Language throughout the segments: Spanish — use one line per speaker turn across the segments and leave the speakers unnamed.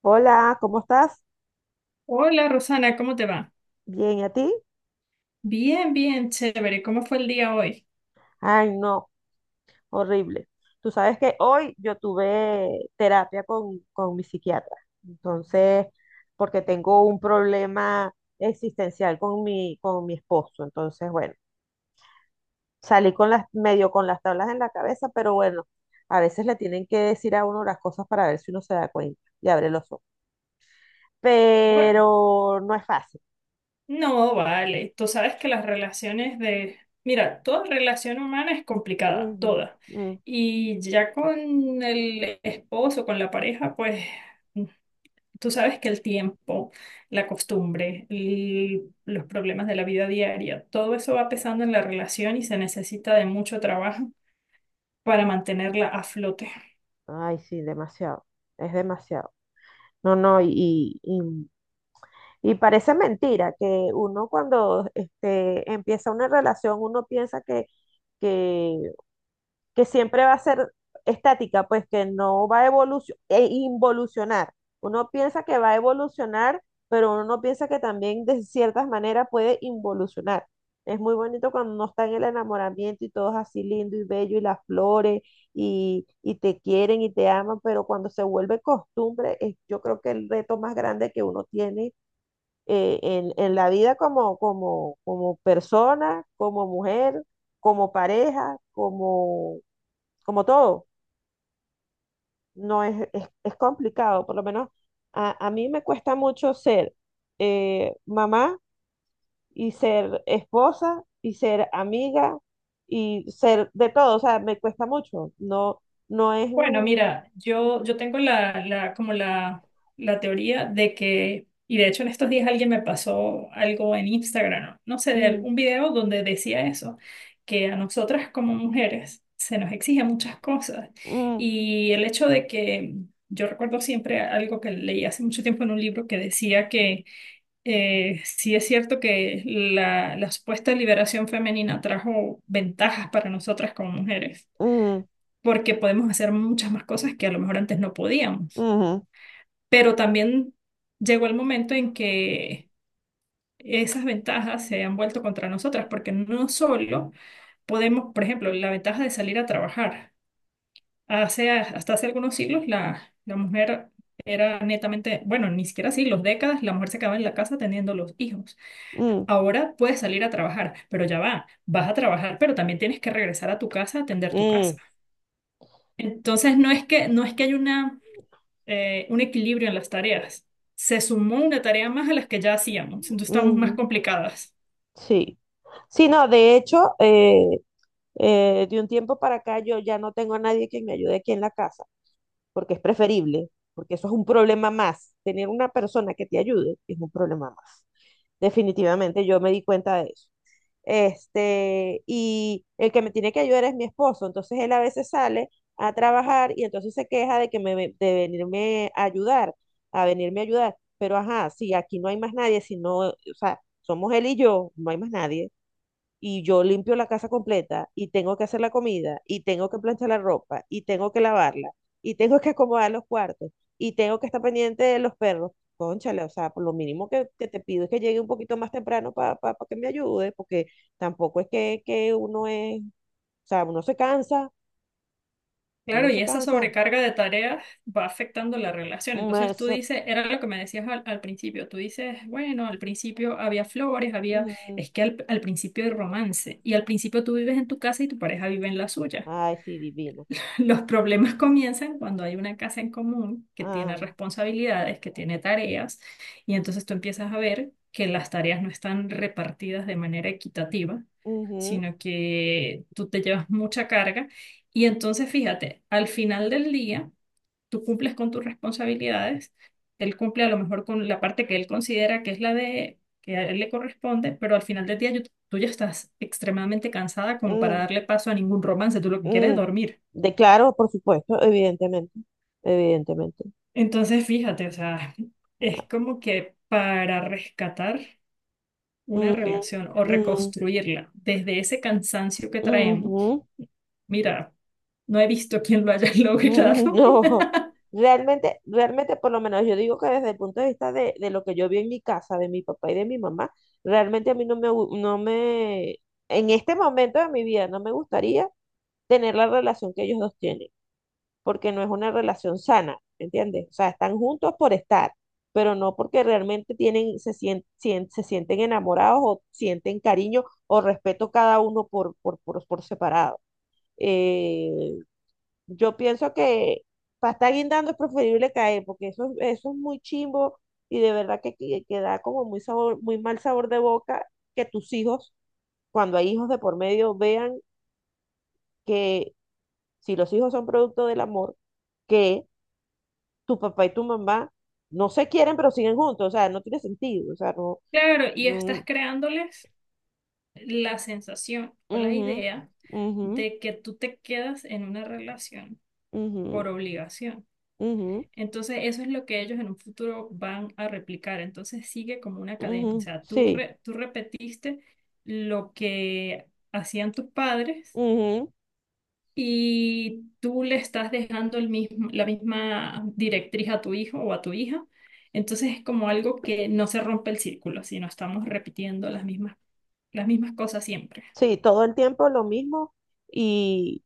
Hola, ¿cómo estás?
Hola Rosana, ¿cómo te va?
Bien, ¿y a ti?
Bien, bien, chévere. ¿Cómo fue el día hoy?
Ay, no, horrible. Tú sabes que hoy yo tuve terapia con mi psiquiatra, entonces, porque tengo un problema existencial con mi esposo, entonces, bueno, salí medio con las tablas en la cabeza, pero bueno, a veces le tienen que decir a uno las cosas para ver si uno se da cuenta y abre los ojos,
Bueno,
pero no es fácil.
no, vale. Tú sabes que las relaciones de... Mira, toda relación humana es complicada,
Ujú,
toda.
mm.
Y ya con el esposo, con la pareja, pues mm, tú sabes que el tiempo, la costumbre, los problemas de la vida diaria, todo eso va pesando en la relación y se necesita de mucho trabajo para mantenerla a flote.
Ay, sí, demasiado, es demasiado. No, no, y parece mentira que uno cuando empieza una relación, uno piensa que que siempre va a ser estática, pues que no va a evolucionar, involucionar. Uno piensa que va a evolucionar, pero uno no piensa que también de ciertas maneras puede involucionar. Es muy bonito cuando uno está en el enamoramiento y todo es así lindo y bello y las flores y te quieren y te aman, pero cuando se vuelve costumbre, yo creo que el reto más grande que uno tiene en la vida como persona, como mujer, como pareja, como todo, no es complicado, por lo menos a mí me cuesta mucho ser mamá y ser esposa y ser amiga y ser de todo, o sea, me cuesta mucho, no, no es
Bueno,
un...
mira, yo tengo la teoría de que, y de hecho en estos días alguien me pasó algo en Instagram, no sé, de
un-
un video donde decía eso, que a nosotras como mujeres se nos exigen muchas cosas.
un-
Y el hecho de que, yo recuerdo siempre algo que leí hace mucho tiempo en un libro que decía que sí es cierto que la supuesta liberación femenina trajo ventajas para nosotras como mujeres
un-
porque podemos hacer muchas más cosas que a lo mejor antes no podíamos.
ujú,
Pero también llegó el momento en que esas ventajas se han vuelto contra nosotras, porque no solo podemos, por ejemplo, la ventaja de salir a trabajar. Hace, hasta hace algunos siglos la mujer era netamente, bueno, ni siquiera siglos, décadas, la mujer se quedaba en la casa teniendo los hijos.
un-
Ahora puedes salir a trabajar, pero ya va, vas a trabajar, pero también tienes que regresar a tu casa a atender tu casa.
un-
Entonces, no es que hay una un equilibrio en las tareas. Se sumó una tarea más a las que ya hacíamos, entonces estamos más
ujú,
complicadas.
sí. Sí, no, de hecho, de un tiempo para acá yo ya no tengo a nadie que me ayude aquí en la casa. Porque es preferible, porque eso es un problema más. Tener una persona que te ayude es un problema más. Definitivamente yo me di cuenta de eso. Y el que me tiene que ayudar es mi esposo, entonces él a veces sale a trabajar y entonces se queja de de venirme a ayudar, pero ajá, si aquí no hay más nadie, si no, o sea, somos él y yo, no hay más nadie y yo limpio la casa completa y tengo que hacer la comida y tengo que planchar la ropa y tengo que lavarla y tengo que acomodar los cuartos y tengo que estar pendiente de los perros. Cónchale, o sea, por lo mínimo que te pido es que llegue un poquito más temprano para que me ayude, porque tampoco es que o sea, uno se cansa,
Claro,
uno se
y esa
cansa.
sobrecarga de tareas va afectando la relación.
Mm,
Entonces tú dices, era lo que me decías al principio, tú dices, bueno, al principio había flores, había,
mm,
es que al principio hay romance y al principio tú vives en tu casa y tu pareja vive en la suya.
ay, sí, divino.
Los problemas comienzan cuando hay una casa en común que tiene
Ah,
responsabilidades, que tiene tareas, y entonces tú empiezas a ver que las tareas no están repartidas de manera equitativa,
ujú,
sino que tú te llevas mucha carga. Y entonces, fíjate, al final del día, tú cumples con tus responsabilidades, él cumple a lo mejor con la parte que él considera que es la de que a él le corresponde, pero al final del día tú ya estás extremadamente cansada como para
mm,
darle paso a ningún romance, tú lo que quieres es
mm.
dormir.
De claro, por supuesto, evidentemente, evidentemente.
Entonces, fíjate, o sea, es como que para rescatar una
Ujú,
relación o
mm,
reconstruirla desde ese cansancio que traemos,
ujú,
mira, no he visto quién lo haya
mm,
logrado.
no, realmente, realmente por lo menos yo digo que desde el punto de vista de lo que yo vi en mi casa, de mi papá y de mi mamá, realmente a mí no me, en este momento de mi vida no me gustaría tener la relación que ellos dos tienen, porque no es una relación sana, ¿me entiendes? O sea, están juntos por estar, pero no porque realmente se sienten enamorados o sienten cariño o respeto cada uno por separado. Eh, yo pienso que para estar guindando es preferible caer, porque eso es muy chimbo y de verdad que da como muy mal sabor de boca que tus hijos, cuando hay hijos de por medio, vean que si los hijos son producto del amor, que tu papá y tu mamá no se quieren, pero siguen juntos, o sea, no tiene sentido, o sea, no.
Claro, y
Mm,
estás creándoles la sensación o la
ujú,
idea
ujú,
de que tú te quedas en una relación
ujú,
por obligación.
ujú,
Entonces, eso es lo que ellos en un futuro van a replicar. Entonces, sigue como una cadena. O
ujú,
sea,
sí,
tú repetiste lo que hacían tus padres
ujú,
y tú le estás dejando el mismo, la misma directriz a tu hijo o a tu hija. Entonces, es como algo que no se rompe el círculo, sino estamos repitiendo las mismas cosas siempre.
sí, todo el tiempo lo mismo y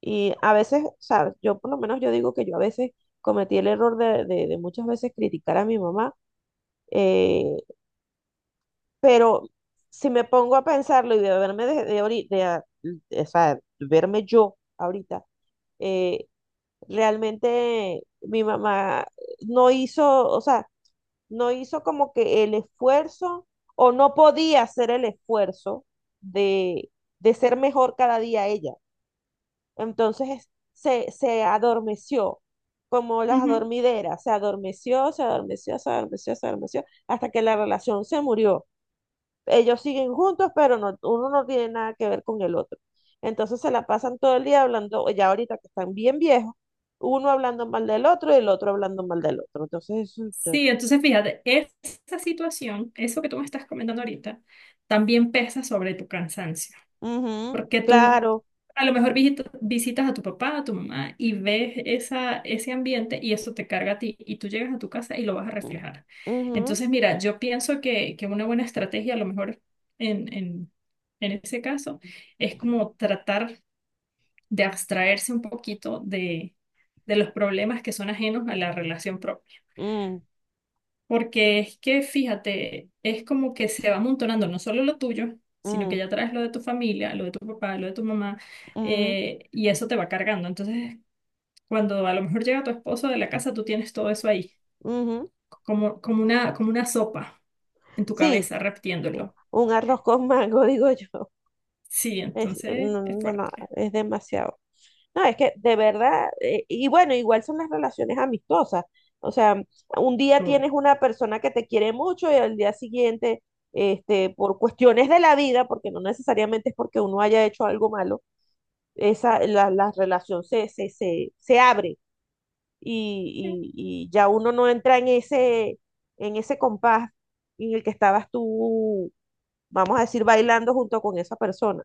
Y a veces, o sea, yo por lo menos yo digo que yo a veces cometí el error de muchas veces criticar a mi mamá, eh, pero si me pongo a pensarlo y de verme de, ahori- de a- de- o sea, verme yo ahorita, eh, realmente mi mamá no hizo, o sea, no hizo como que el esfuerzo o no podía hacer el esfuerzo de, de ser mejor cada día ella. Entonces se adormeció, como las
Ujú.
adormideras, se adormeció, se adormeció, se adormeció, se adormeció, hasta que la relación se murió. Ellos siguen juntos, pero no, uno no tiene nada que ver con el otro. Entonces se la pasan todo el día hablando, ya ahorita que están bien viejos, uno hablando mal del otro y el otro hablando mal del otro. Entonces, eso,
Sí, entonces fíjate, esa situación, eso que tú me estás comentando ahorita, también pesa sobre tu cansancio.
ujú,
Porque tú
claro.
a lo mejor visitas a tu papá, a tu mamá y ves esa, ese ambiente y eso te carga a ti y tú llegas a tu casa y lo vas a
Mm,
reflejar.
ujú,
Entonces, mira, yo pienso que una buena estrategia a lo mejor en, en, en ese caso es como tratar de abstraerse un poquito de los problemas que son ajenos a la relación propia.
mm,
Porque es que, fíjate, es como que se va amontonando no solo lo tuyo, sino que
mm,
ya traes lo de tu familia, lo de tu papá, lo de tu mamá,
mm,
y eso te va cargando. Entonces, cuando a lo mejor llega tu esposo de la casa, tú tienes todo eso ahí,
ujú.
como una sopa en tu
Sí,
cabeza, repitiéndolo.
un arroz con mango, digo yo.
Sí,
Es, eh,
entonces
no,
es
no, no,
fuerte
es demasiado. No, es que de verdad, y bueno, igual son las relaciones amistosas. O sea, un día
todo.
tienes una persona que te quiere mucho y al día siguiente, por cuestiones de la vida, porque no necesariamente es porque uno haya hecho algo malo, la relación se abre y ya uno no entra en ese, compás en el que estabas tú, vamos a decir, bailando junto con esa persona.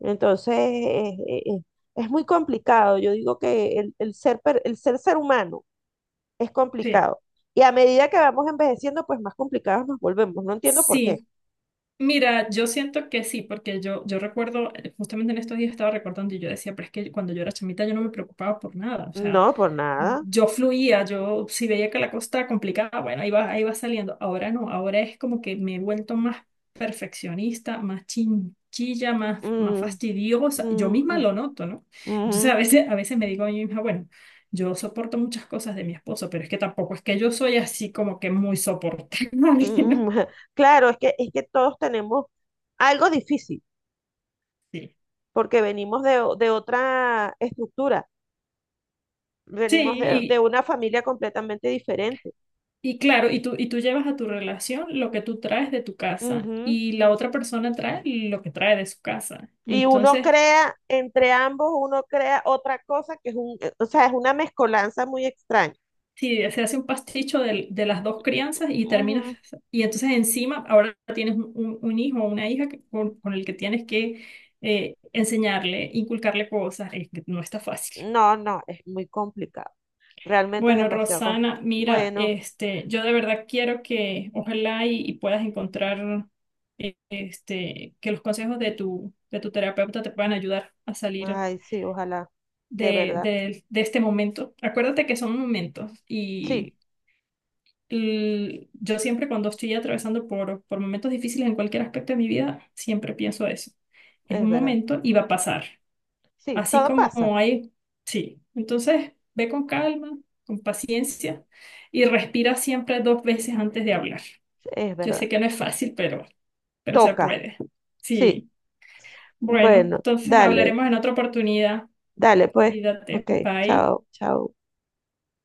Entonces, es muy complicado. Yo digo que el ser humano es
Sí,
complicado. Y a medida que vamos envejeciendo, pues más complicados nos volvemos. No entiendo por qué.
sí. Mira, yo siento que sí, porque yo recuerdo, justamente en estos días estaba recordando y yo decía, pero es que cuando yo era chamita yo no me preocupaba por nada, o sea,
No, por nada.
yo fluía, yo si veía que la cosa estaba complicada, bueno, ahí va saliendo. Ahora no, ahora es como que me he vuelto más perfeccionista, más chinchilla, más, más
Mm,
fastidiosa. Yo
mm,
misma
mm,
lo noto, ¿no? Entonces
mm,
a veces me digo a mí misma, bueno, yo soporto muchas cosas de mi esposo, pero es que tampoco es que yo soy así como que muy soportable, ¿no?
mm. Claro, es que todos tenemos algo difícil,
Sí.
porque venimos de otra estructura,
Sí,
venimos de una familia completamente diferente.
y claro, y tú llevas a tu relación lo que tú traes de tu casa y la otra persona trae lo que trae de su casa. Y
Y uno
entonces
crea, entre ambos, uno crea otra cosa que o sea, es una mezcolanza muy extraña.
sí, se hace un pasticho las dos crianzas y terminas,
Ujú.
y entonces encima ahora tienes un, un hijo o una hija que- con el que tienes que enseñarle, inculcarle cosas, es que no está fácil.
No, no, es muy complicado. Realmente es
Bueno,
demasiado complicado.
Rosana, mira,
Bueno,
este, yo de verdad quiero que ojalá y puedas encontrar este, que los consejos de tu terapeuta te puedan ayudar a salir
ay, sí, ojalá, de verdad.
de este momento. Acuérdate que son momentos y
Sí,
yo siempre cuando estoy atravesando por momentos difíciles en cualquier aspecto de mi vida, siempre pienso eso. Es
es
un
verdad.
momento y va a pasar.
Sí,
Así
todo
como
pasa.
hay, sí. Entonces, ve con calma, con paciencia y respira siempre 2 veces antes de hablar.
Es
Yo
verdad.
sé que no es fácil, pero se
Toca.
puede.
Sí.
Sí. Bueno,
Bueno,
entonces
dale,
hablaremos en otra oportunidad.
dale, pues.
Cuídate.
Ok,
Bye.
chao, chao.